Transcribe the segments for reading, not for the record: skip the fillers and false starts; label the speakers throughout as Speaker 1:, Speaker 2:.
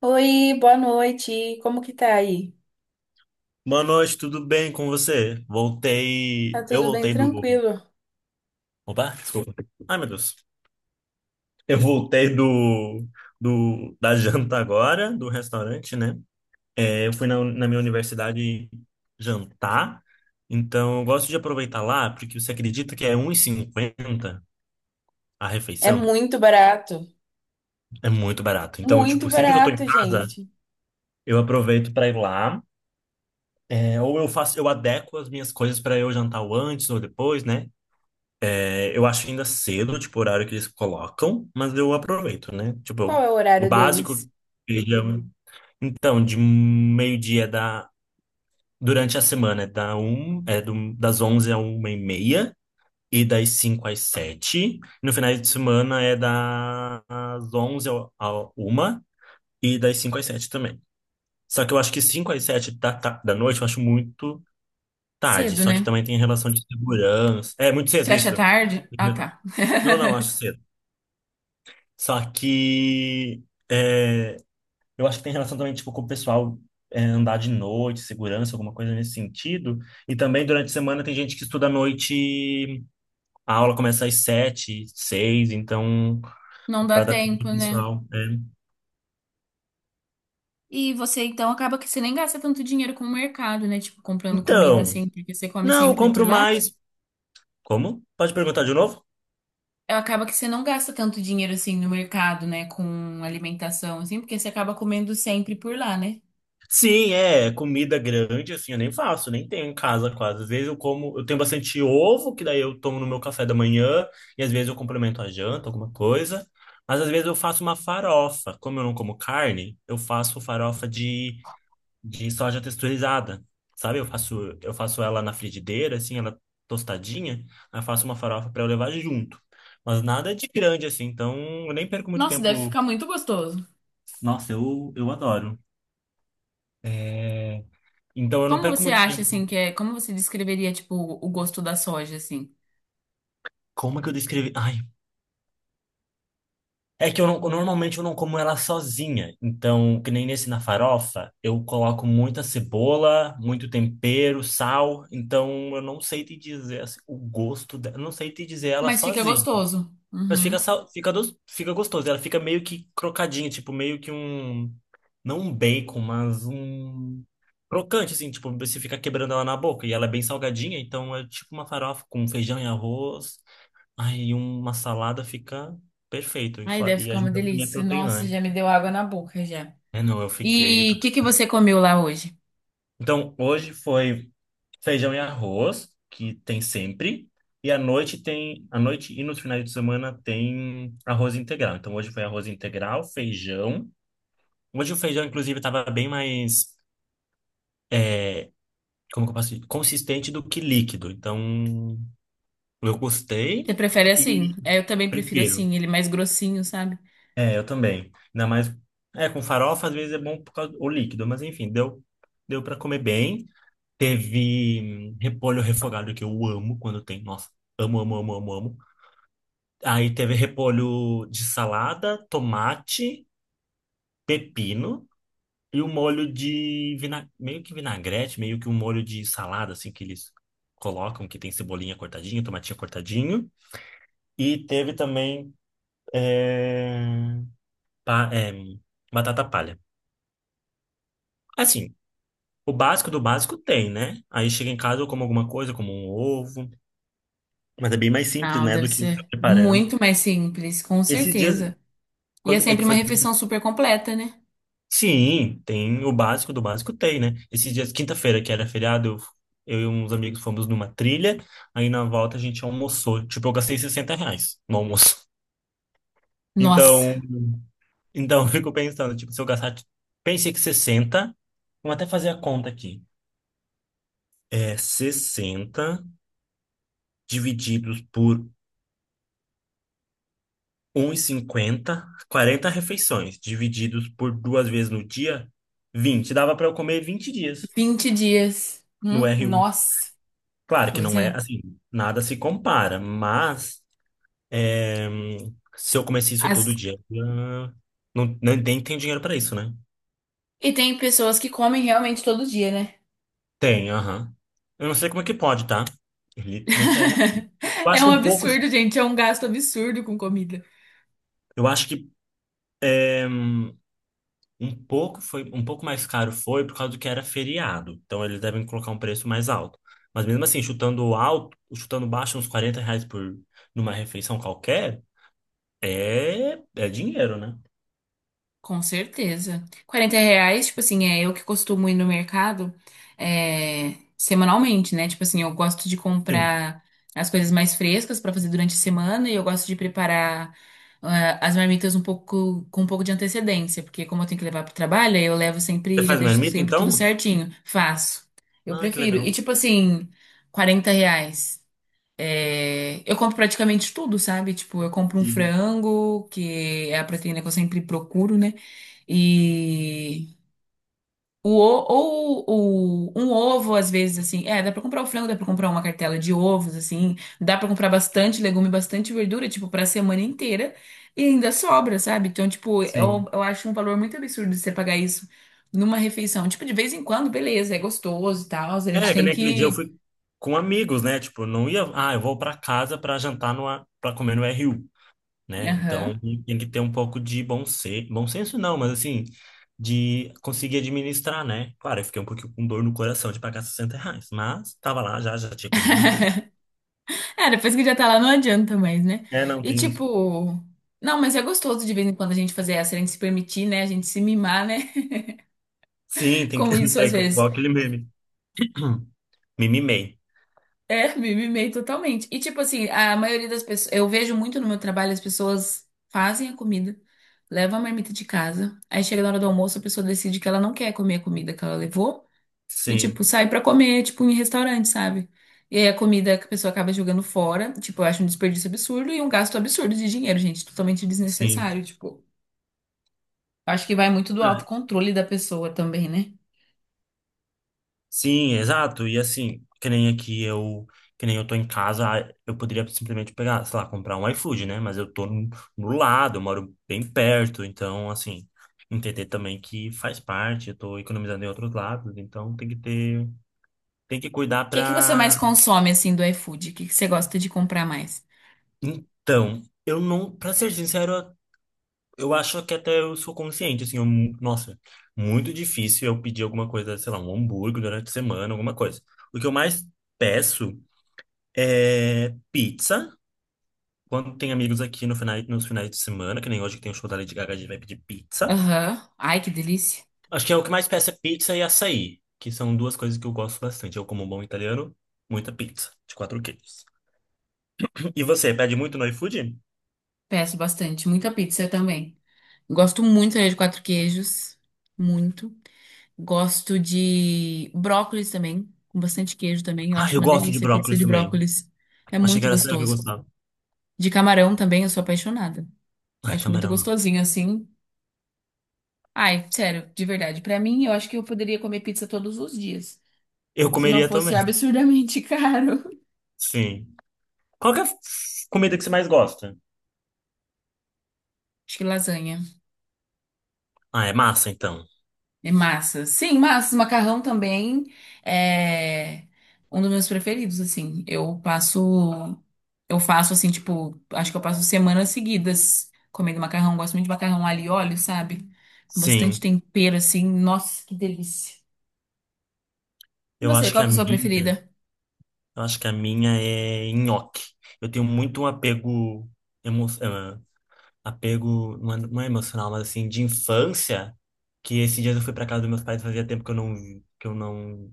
Speaker 1: Oi, boa noite. Como que tá aí?
Speaker 2: Boa noite, tudo bem com você?
Speaker 1: Tá
Speaker 2: Voltei. Eu
Speaker 1: tudo bem
Speaker 2: voltei do.
Speaker 1: tranquilo.
Speaker 2: Opa, desculpa. Ai, meu Deus. Eu voltei do da janta agora, do restaurante, né? É, eu fui na minha universidade jantar, então eu gosto de aproveitar lá, porque você acredita que é 1,50 a
Speaker 1: É
Speaker 2: refeição?
Speaker 1: muito barato.
Speaker 2: É muito barato. Então,
Speaker 1: Muito
Speaker 2: tipo, sempre que eu tô em
Speaker 1: barato,
Speaker 2: casa,
Speaker 1: gente.
Speaker 2: eu aproveito para ir lá. É, ou eu faço, eu adequo as minhas coisas para eu jantar o antes ou depois, né? É, eu acho ainda cedo, tipo, o horário que eles colocam, mas eu aproveito, né?
Speaker 1: Qual
Speaker 2: Tipo,
Speaker 1: é o
Speaker 2: o
Speaker 1: horário
Speaker 2: básico
Speaker 1: deles?
Speaker 2: seja. Então, de meio-dia da. Durante a semana é, da um, é do, das 11 a uma e meia e das 5 às sete. No final de semana é das 11 à 1 e das 5 às 7 também. Só que eu acho que 5 às 7 da noite eu acho muito tarde.
Speaker 1: Cedo,
Speaker 2: Só que
Speaker 1: né?
Speaker 2: também tem relação de segurança. É muito cedo
Speaker 1: Você acha
Speaker 2: isso?
Speaker 1: tarde? Ah, tá.
Speaker 2: Não, não, acho cedo. Só que é, eu acho que tem relação também, tipo, com o pessoal andar de noite, segurança, alguma coisa nesse sentido. E também durante a semana tem gente que estuda à noite, a aula começa às sete, seis, então,
Speaker 1: Não dá
Speaker 2: para dar tempo
Speaker 1: tempo,
Speaker 2: do
Speaker 1: né?
Speaker 2: pessoal. É.
Speaker 1: E você então acaba que você nem gasta tanto dinheiro com o mercado, né? Tipo, comprando comida
Speaker 2: Então,
Speaker 1: assim, porque você come
Speaker 2: não, eu
Speaker 1: sempre por
Speaker 2: compro
Speaker 1: lá.
Speaker 2: mais. Como? Pode perguntar de novo?
Speaker 1: Acaba que você não gasta tanto dinheiro assim no mercado, né? Com alimentação, assim, porque você acaba comendo sempre por lá, né?
Speaker 2: Sim, é comida grande, assim, eu nem faço, nem tenho em casa quase. Às vezes eu como, eu tenho bastante ovo, que daí eu tomo no meu café da manhã, e às vezes eu complemento a janta, alguma coisa. Mas às vezes eu faço uma farofa. Como eu não como carne, eu faço farofa de soja texturizada. Sabe? Eu faço ela na frigideira, assim, ela tostadinha, aí eu faço uma farofa para eu levar junto. Mas nada de grande, assim, então eu nem perco muito
Speaker 1: Nossa, deve
Speaker 2: tempo.
Speaker 1: ficar muito gostoso.
Speaker 2: Nossa, eu adoro. É... Então eu não
Speaker 1: Como
Speaker 2: perco
Speaker 1: você
Speaker 2: muito
Speaker 1: acha assim
Speaker 2: tempo.
Speaker 1: que é, como você descreveria tipo o gosto da soja assim?
Speaker 2: Como é que eu descrevi? Ai, é que eu não, normalmente eu não como ela sozinha. Então, que nem nesse na farofa, eu coloco muita cebola, muito tempero, sal. Então, eu não sei te dizer assim, o gosto dela. Eu não sei te dizer ela
Speaker 1: Mas fica
Speaker 2: sozinha.
Speaker 1: gostoso.
Speaker 2: Mas fica,
Speaker 1: Uhum.
Speaker 2: fica gostoso. Ela fica meio que crocadinha, tipo, meio que um. Não um bacon, mas um. Crocante, assim, tipo, você fica quebrando ela na boca. E ela é bem salgadinha, então é tipo uma farofa com feijão e arroz. Ai, e uma salada fica perfeito e,
Speaker 1: Aí deve
Speaker 2: e
Speaker 1: ficar uma
Speaker 2: ajuda a minha
Speaker 1: delícia.
Speaker 2: proteína,
Speaker 1: Nossa,
Speaker 2: né?
Speaker 1: já me deu água na boca já.
Speaker 2: É, não, eu fiquei.
Speaker 1: E o que que você comeu lá hoje?
Speaker 2: Então, hoje foi feijão e arroz, que tem sempre. E à noite tem, à noite e nos finais de semana tem arroz integral. Então, hoje foi arroz integral, feijão. Hoje o feijão, inclusive, estava bem mais, como que eu posso dizer? Consistente do que líquido. Então, eu gostei
Speaker 1: Você prefere assim?
Speaker 2: e
Speaker 1: É, eu também prefiro
Speaker 2: prefiro.
Speaker 1: assim, ele mais grossinho, sabe?
Speaker 2: É, eu também. Ainda mais. É, com farofa às vezes é bom por causa do líquido, mas enfim, deu, deu para comer bem. Teve repolho refogado que eu amo quando tem. Nossa, amo, amo, amo, amo, amo. Aí teve repolho de salada, tomate, pepino e um molho de meio que vinagrete, meio que um molho de salada, assim, que eles colocam, que tem cebolinha cortadinha, tomatinho cortadinho. E teve também é, pa- é, batata palha. Assim. O básico do básico tem, né? Aí chega em casa, eu como alguma coisa, como um ovo. Mas é bem mais simples,
Speaker 1: Não,
Speaker 2: né,
Speaker 1: deve
Speaker 2: do que ficar
Speaker 1: ser
Speaker 2: preparando.
Speaker 1: muito mais simples, com
Speaker 2: Esses dias,
Speaker 1: certeza. E é
Speaker 2: quando é que
Speaker 1: sempre uma
Speaker 2: foi?
Speaker 1: refeição super completa, né?
Speaker 2: Sim, tem o básico do básico tem, né? Esses dias, quinta-feira, que era feriado, eu e uns amigos fomos numa trilha. Aí na volta a gente almoçou. Tipo, eu gastei R$ 60 no almoço.
Speaker 1: Nossa,
Speaker 2: Então, então, eu fico pensando, tipo, se eu gastar... tipo, pensei que sessenta, vamos até fazer a conta aqui. É 60 divididos por 1,50, 40 refeições, divididos por duas vezes no dia, vinte. Dava para eu comer 20 dias
Speaker 1: 20 dias.
Speaker 2: no R1.
Speaker 1: Nossa.
Speaker 2: Claro que
Speaker 1: Pois
Speaker 2: não é
Speaker 1: é.
Speaker 2: assim, nada se compara, mas é, se eu comesse isso todo
Speaker 1: As-
Speaker 2: dia, ah, não, nem tem dinheiro para isso, né?
Speaker 1: E tem pessoas que comem realmente todo dia, né?
Speaker 2: Tem, aham. Eu não sei como é que pode, tá? Não sei. Eu
Speaker 1: É
Speaker 2: acho que
Speaker 1: um
Speaker 2: um pouco.
Speaker 1: absurdo, gente. É um gasto absurdo com comida.
Speaker 2: Eu acho que. eh, Um pouco foi, um pouco mais caro foi por causa do que era feriado. Então eles devem colocar um preço mais alto. Mas mesmo assim, chutando alto, chutando baixo, uns R$ 40 por, numa refeição qualquer, é, é dinheiro, né?
Speaker 1: Com certeza. 40 reais, tipo assim, é eu que costumo ir no mercado semanalmente, né? Tipo assim, eu gosto de
Speaker 2: Sim.
Speaker 1: comprar as coisas mais frescas pra fazer durante a semana e eu gosto de preparar as marmitas um pouco com um pouco de antecedência, porque como eu tenho que levar pro trabalho, aí eu levo sempre,
Speaker 2: Você
Speaker 1: já
Speaker 2: faz
Speaker 1: deixo
Speaker 2: marmita,
Speaker 1: sempre tudo
Speaker 2: então?
Speaker 1: certinho. Faço. Eu
Speaker 2: Ah, que
Speaker 1: prefiro. E
Speaker 2: legal.
Speaker 1: tipo assim, 40 reais. É, eu compro praticamente tudo, sabe? Tipo, eu compro um
Speaker 2: Sim,
Speaker 1: frango, que é a proteína que eu sempre procuro, né? E ou um ovo, às vezes, assim. É, dá pra comprar o frango, dá pra comprar uma cartela de ovos, assim. Dá pra comprar bastante legume, bastante verdura, tipo, pra semana inteira. E ainda sobra, sabe? Então, tipo,
Speaker 2: sim.
Speaker 1: eu acho um valor muito absurdo você pagar isso numa refeição. Tipo, de vez em quando, beleza, é gostoso e tal. A gente
Speaker 2: É, que
Speaker 1: tem
Speaker 2: nem aquele dia eu
Speaker 1: que.
Speaker 2: fui com amigos, né? Tipo, não ia, ah, eu vou pra casa pra jantar no, a para comer no RU. Né?
Speaker 1: Aham.
Speaker 2: Então tem que ter um pouco de bom senso não, mas assim, de conseguir administrar, né? Claro, eu fiquei um pouquinho com dor no coração de pagar R$ 60, mas tava lá já, já tinha comido tudo.
Speaker 1: É, depois que já tá lá não adianta mais, né?
Speaker 2: É, não,
Speaker 1: E
Speaker 2: tem isso.
Speaker 1: tipo, não, mas é gostoso de vez em quando a gente fazer essa, a gente se permitir, né? A gente se mimar, né?
Speaker 2: Sim, tem que...
Speaker 1: Com isso,
Speaker 2: É
Speaker 1: às
Speaker 2: igual
Speaker 1: vezes.
Speaker 2: aquele meme. Me mimei.
Speaker 1: É, me mimei totalmente. E tipo assim, a maioria das pessoas, eu vejo muito no meu trabalho, as pessoas fazem a comida, levam a marmita de casa, aí chega na hora do almoço, a pessoa decide que ela não quer comer a comida que ela levou e tipo,
Speaker 2: Sim,
Speaker 1: sai pra comer, tipo, em restaurante, sabe? E aí a comida que a pessoa acaba jogando fora, tipo, eu acho um desperdício absurdo e um gasto absurdo de dinheiro, gente, totalmente
Speaker 2: sim.
Speaker 1: desnecessário, tipo. Acho que vai muito do
Speaker 2: É.
Speaker 1: autocontrole da pessoa também, né?
Speaker 2: Sim, exato. E assim, que nem aqui eu, que nem eu tô em casa, ah, eu poderia simplesmente pegar, sei lá, comprar um iFood, né? Mas eu tô no, no lado, eu moro bem perto, então assim, entender também que faz parte, eu tô economizando em outros lados, então tem que ter, tem que cuidar
Speaker 1: O que que você mais
Speaker 2: pra...
Speaker 1: consome, assim, do iFood? O que que você gosta de comprar mais?
Speaker 2: Então, eu não, pra ser sincero, eu acho que até eu sou consciente, assim, eu, nossa, muito difícil eu pedir alguma coisa, sei lá, um hambúrguer durante a semana, alguma coisa. O que eu mais peço é pizza. Quando tem amigos aqui no final, nos finais de semana, que nem hoje que tem o show da Lady Gaga, a gente vai pedir pizza.
Speaker 1: Aham. Ai, que delícia.
Speaker 2: Acho que é o que mais peço é pizza e açaí, que são duas coisas que eu gosto bastante. Eu, como um bom italiano, muita pizza, de quatro queijos. E você, pede muito no iFood?
Speaker 1: Peço bastante. Muita pizza também. Gosto muito de 4 queijos. Muito. Gosto de brócolis também. Com bastante queijo também. Eu
Speaker 2: Ah,
Speaker 1: acho
Speaker 2: eu
Speaker 1: uma
Speaker 2: gosto de
Speaker 1: delícia a pizza
Speaker 2: brócolis
Speaker 1: de
Speaker 2: também.
Speaker 1: brócolis. É
Speaker 2: Achei que
Speaker 1: muito
Speaker 2: era sério que eu
Speaker 1: gostoso.
Speaker 2: gostava.
Speaker 1: De camarão também, eu sou apaixonada. Eu
Speaker 2: Ai,
Speaker 1: acho muito
Speaker 2: camarão não.
Speaker 1: gostosinho, assim. Ai, sério, de verdade. Pra mim, eu acho que eu poderia comer pizza todos os dias.
Speaker 2: Eu
Speaker 1: Se não
Speaker 2: comeria
Speaker 1: fosse
Speaker 2: também.
Speaker 1: absurdamente caro.
Speaker 2: Sim. Qual que é a comida que você mais gosta?
Speaker 1: Acho que lasanha.
Speaker 2: Ah, é massa, então.
Speaker 1: É massa. Sim, massa. Macarrão também é um dos meus preferidos, assim. Eu passo. Eu faço, assim, tipo. Acho que eu passo semanas seguidas comendo macarrão. Gosto muito de macarrão alho e óleo, sabe? Com bastante
Speaker 2: Sim.
Speaker 1: tempero, assim. Nossa, que delícia. E
Speaker 2: Eu
Speaker 1: você,
Speaker 2: acho que
Speaker 1: qual
Speaker 2: a
Speaker 1: que é a sua
Speaker 2: minha.
Speaker 1: preferida?
Speaker 2: Eu acho que a minha é nhoque. Eu tenho muito um apego, emo... ah, apego não é emocional, mas assim, de infância, que esses dias eu fui pra casa dos meus pais, fazia tempo que eu não,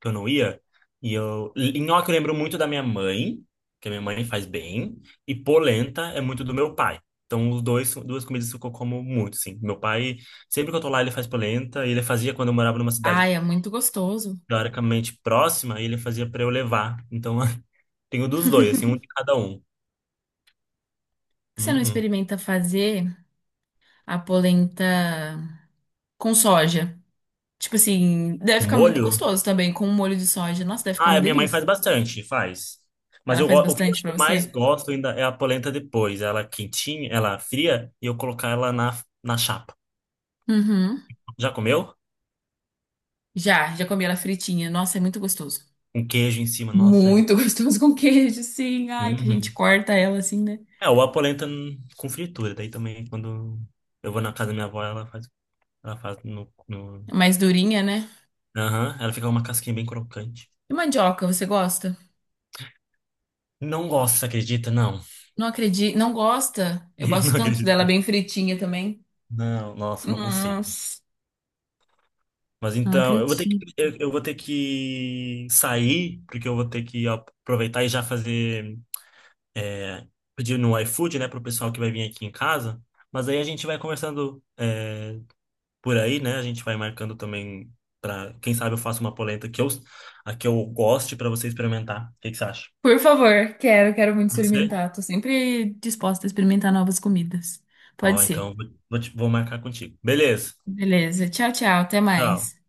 Speaker 2: que eu não ia. E eu, nhoque eu lembro muito da minha mãe, que a minha mãe faz bem, e polenta é muito do meu pai. Então, os dois, duas comidas que eu como muito, sim. Meu pai, sempre que eu tô lá, ele faz polenta, e ele fazia quando eu morava numa cidade
Speaker 1: Ai, é muito gostoso. Por
Speaker 2: teoricamente próxima, e ele fazia pra eu levar. Então, tenho dos dois, assim, um de cada um.
Speaker 1: que você não
Speaker 2: Uhum.
Speaker 1: experimenta fazer a polenta com soja? Tipo assim, deve
Speaker 2: O
Speaker 1: ficar muito
Speaker 2: molho?
Speaker 1: gostoso também com um molho de soja. Nossa, deve ficar
Speaker 2: Ah,
Speaker 1: uma
Speaker 2: a minha mãe
Speaker 1: delícia.
Speaker 2: faz bastante, faz. Mas
Speaker 1: Ela
Speaker 2: eu,
Speaker 1: faz
Speaker 2: o que eu
Speaker 1: bastante
Speaker 2: acho que
Speaker 1: pra
Speaker 2: eu mais
Speaker 1: você?
Speaker 2: gosto ainda é a polenta depois. Ela quentinha, ela fria, e eu colocar ela na, na chapa.
Speaker 1: Uhum.
Speaker 2: Já comeu?
Speaker 1: Já comi ela fritinha. Nossa, é muito gostoso.
Speaker 2: Um queijo em cima, nossa. É,
Speaker 1: Muito gostoso com queijo, sim. Ai, que a gente
Speaker 2: uhum.
Speaker 1: corta ela assim, né?
Speaker 2: É, ou a polenta com fritura. Daí também, quando eu vou na casa da minha avó, ela faz no... no...
Speaker 1: É mais durinha, né?
Speaker 2: Aham, ela fica uma casquinha bem crocante.
Speaker 1: E mandioca, você gosta?
Speaker 2: Não gosto, você acredita? Não.
Speaker 1: Não acredito, não gosta? Eu gosto
Speaker 2: Não
Speaker 1: tanto dela
Speaker 2: acredito.
Speaker 1: bem fritinha também.
Speaker 2: Não, nossa, não consigo.
Speaker 1: Nossa,
Speaker 2: Mas
Speaker 1: não
Speaker 2: então, eu vou ter que,
Speaker 1: acredito.
Speaker 2: eu vou ter que sair, porque eu vou ter que aproveitar e já fazer, é, pedir no iFood, né, pro pessoal que vai vir aqui em casa. Mas aí a gente vai conversando, é, por aí, né? A gente vai marcando também para, quem sabe eu faço uma polenta que eu, a que eu goste para você experimentar. O que que você acha?
Speaker 1: Por favor, quero muito
Speaker 2: Pode ser?
Speaker 1: experimentar. Tô sempre disposta a experimentar novas comidas. Pode
Speaker 2: Ó,
Speaker 1: ser.
Speaker 2: então vou marcar contigo. Beleza.
Speaker 1: Beleza. Tchau, tchau. Até
Speaker 2: Tchau.
Speaker 1: mais.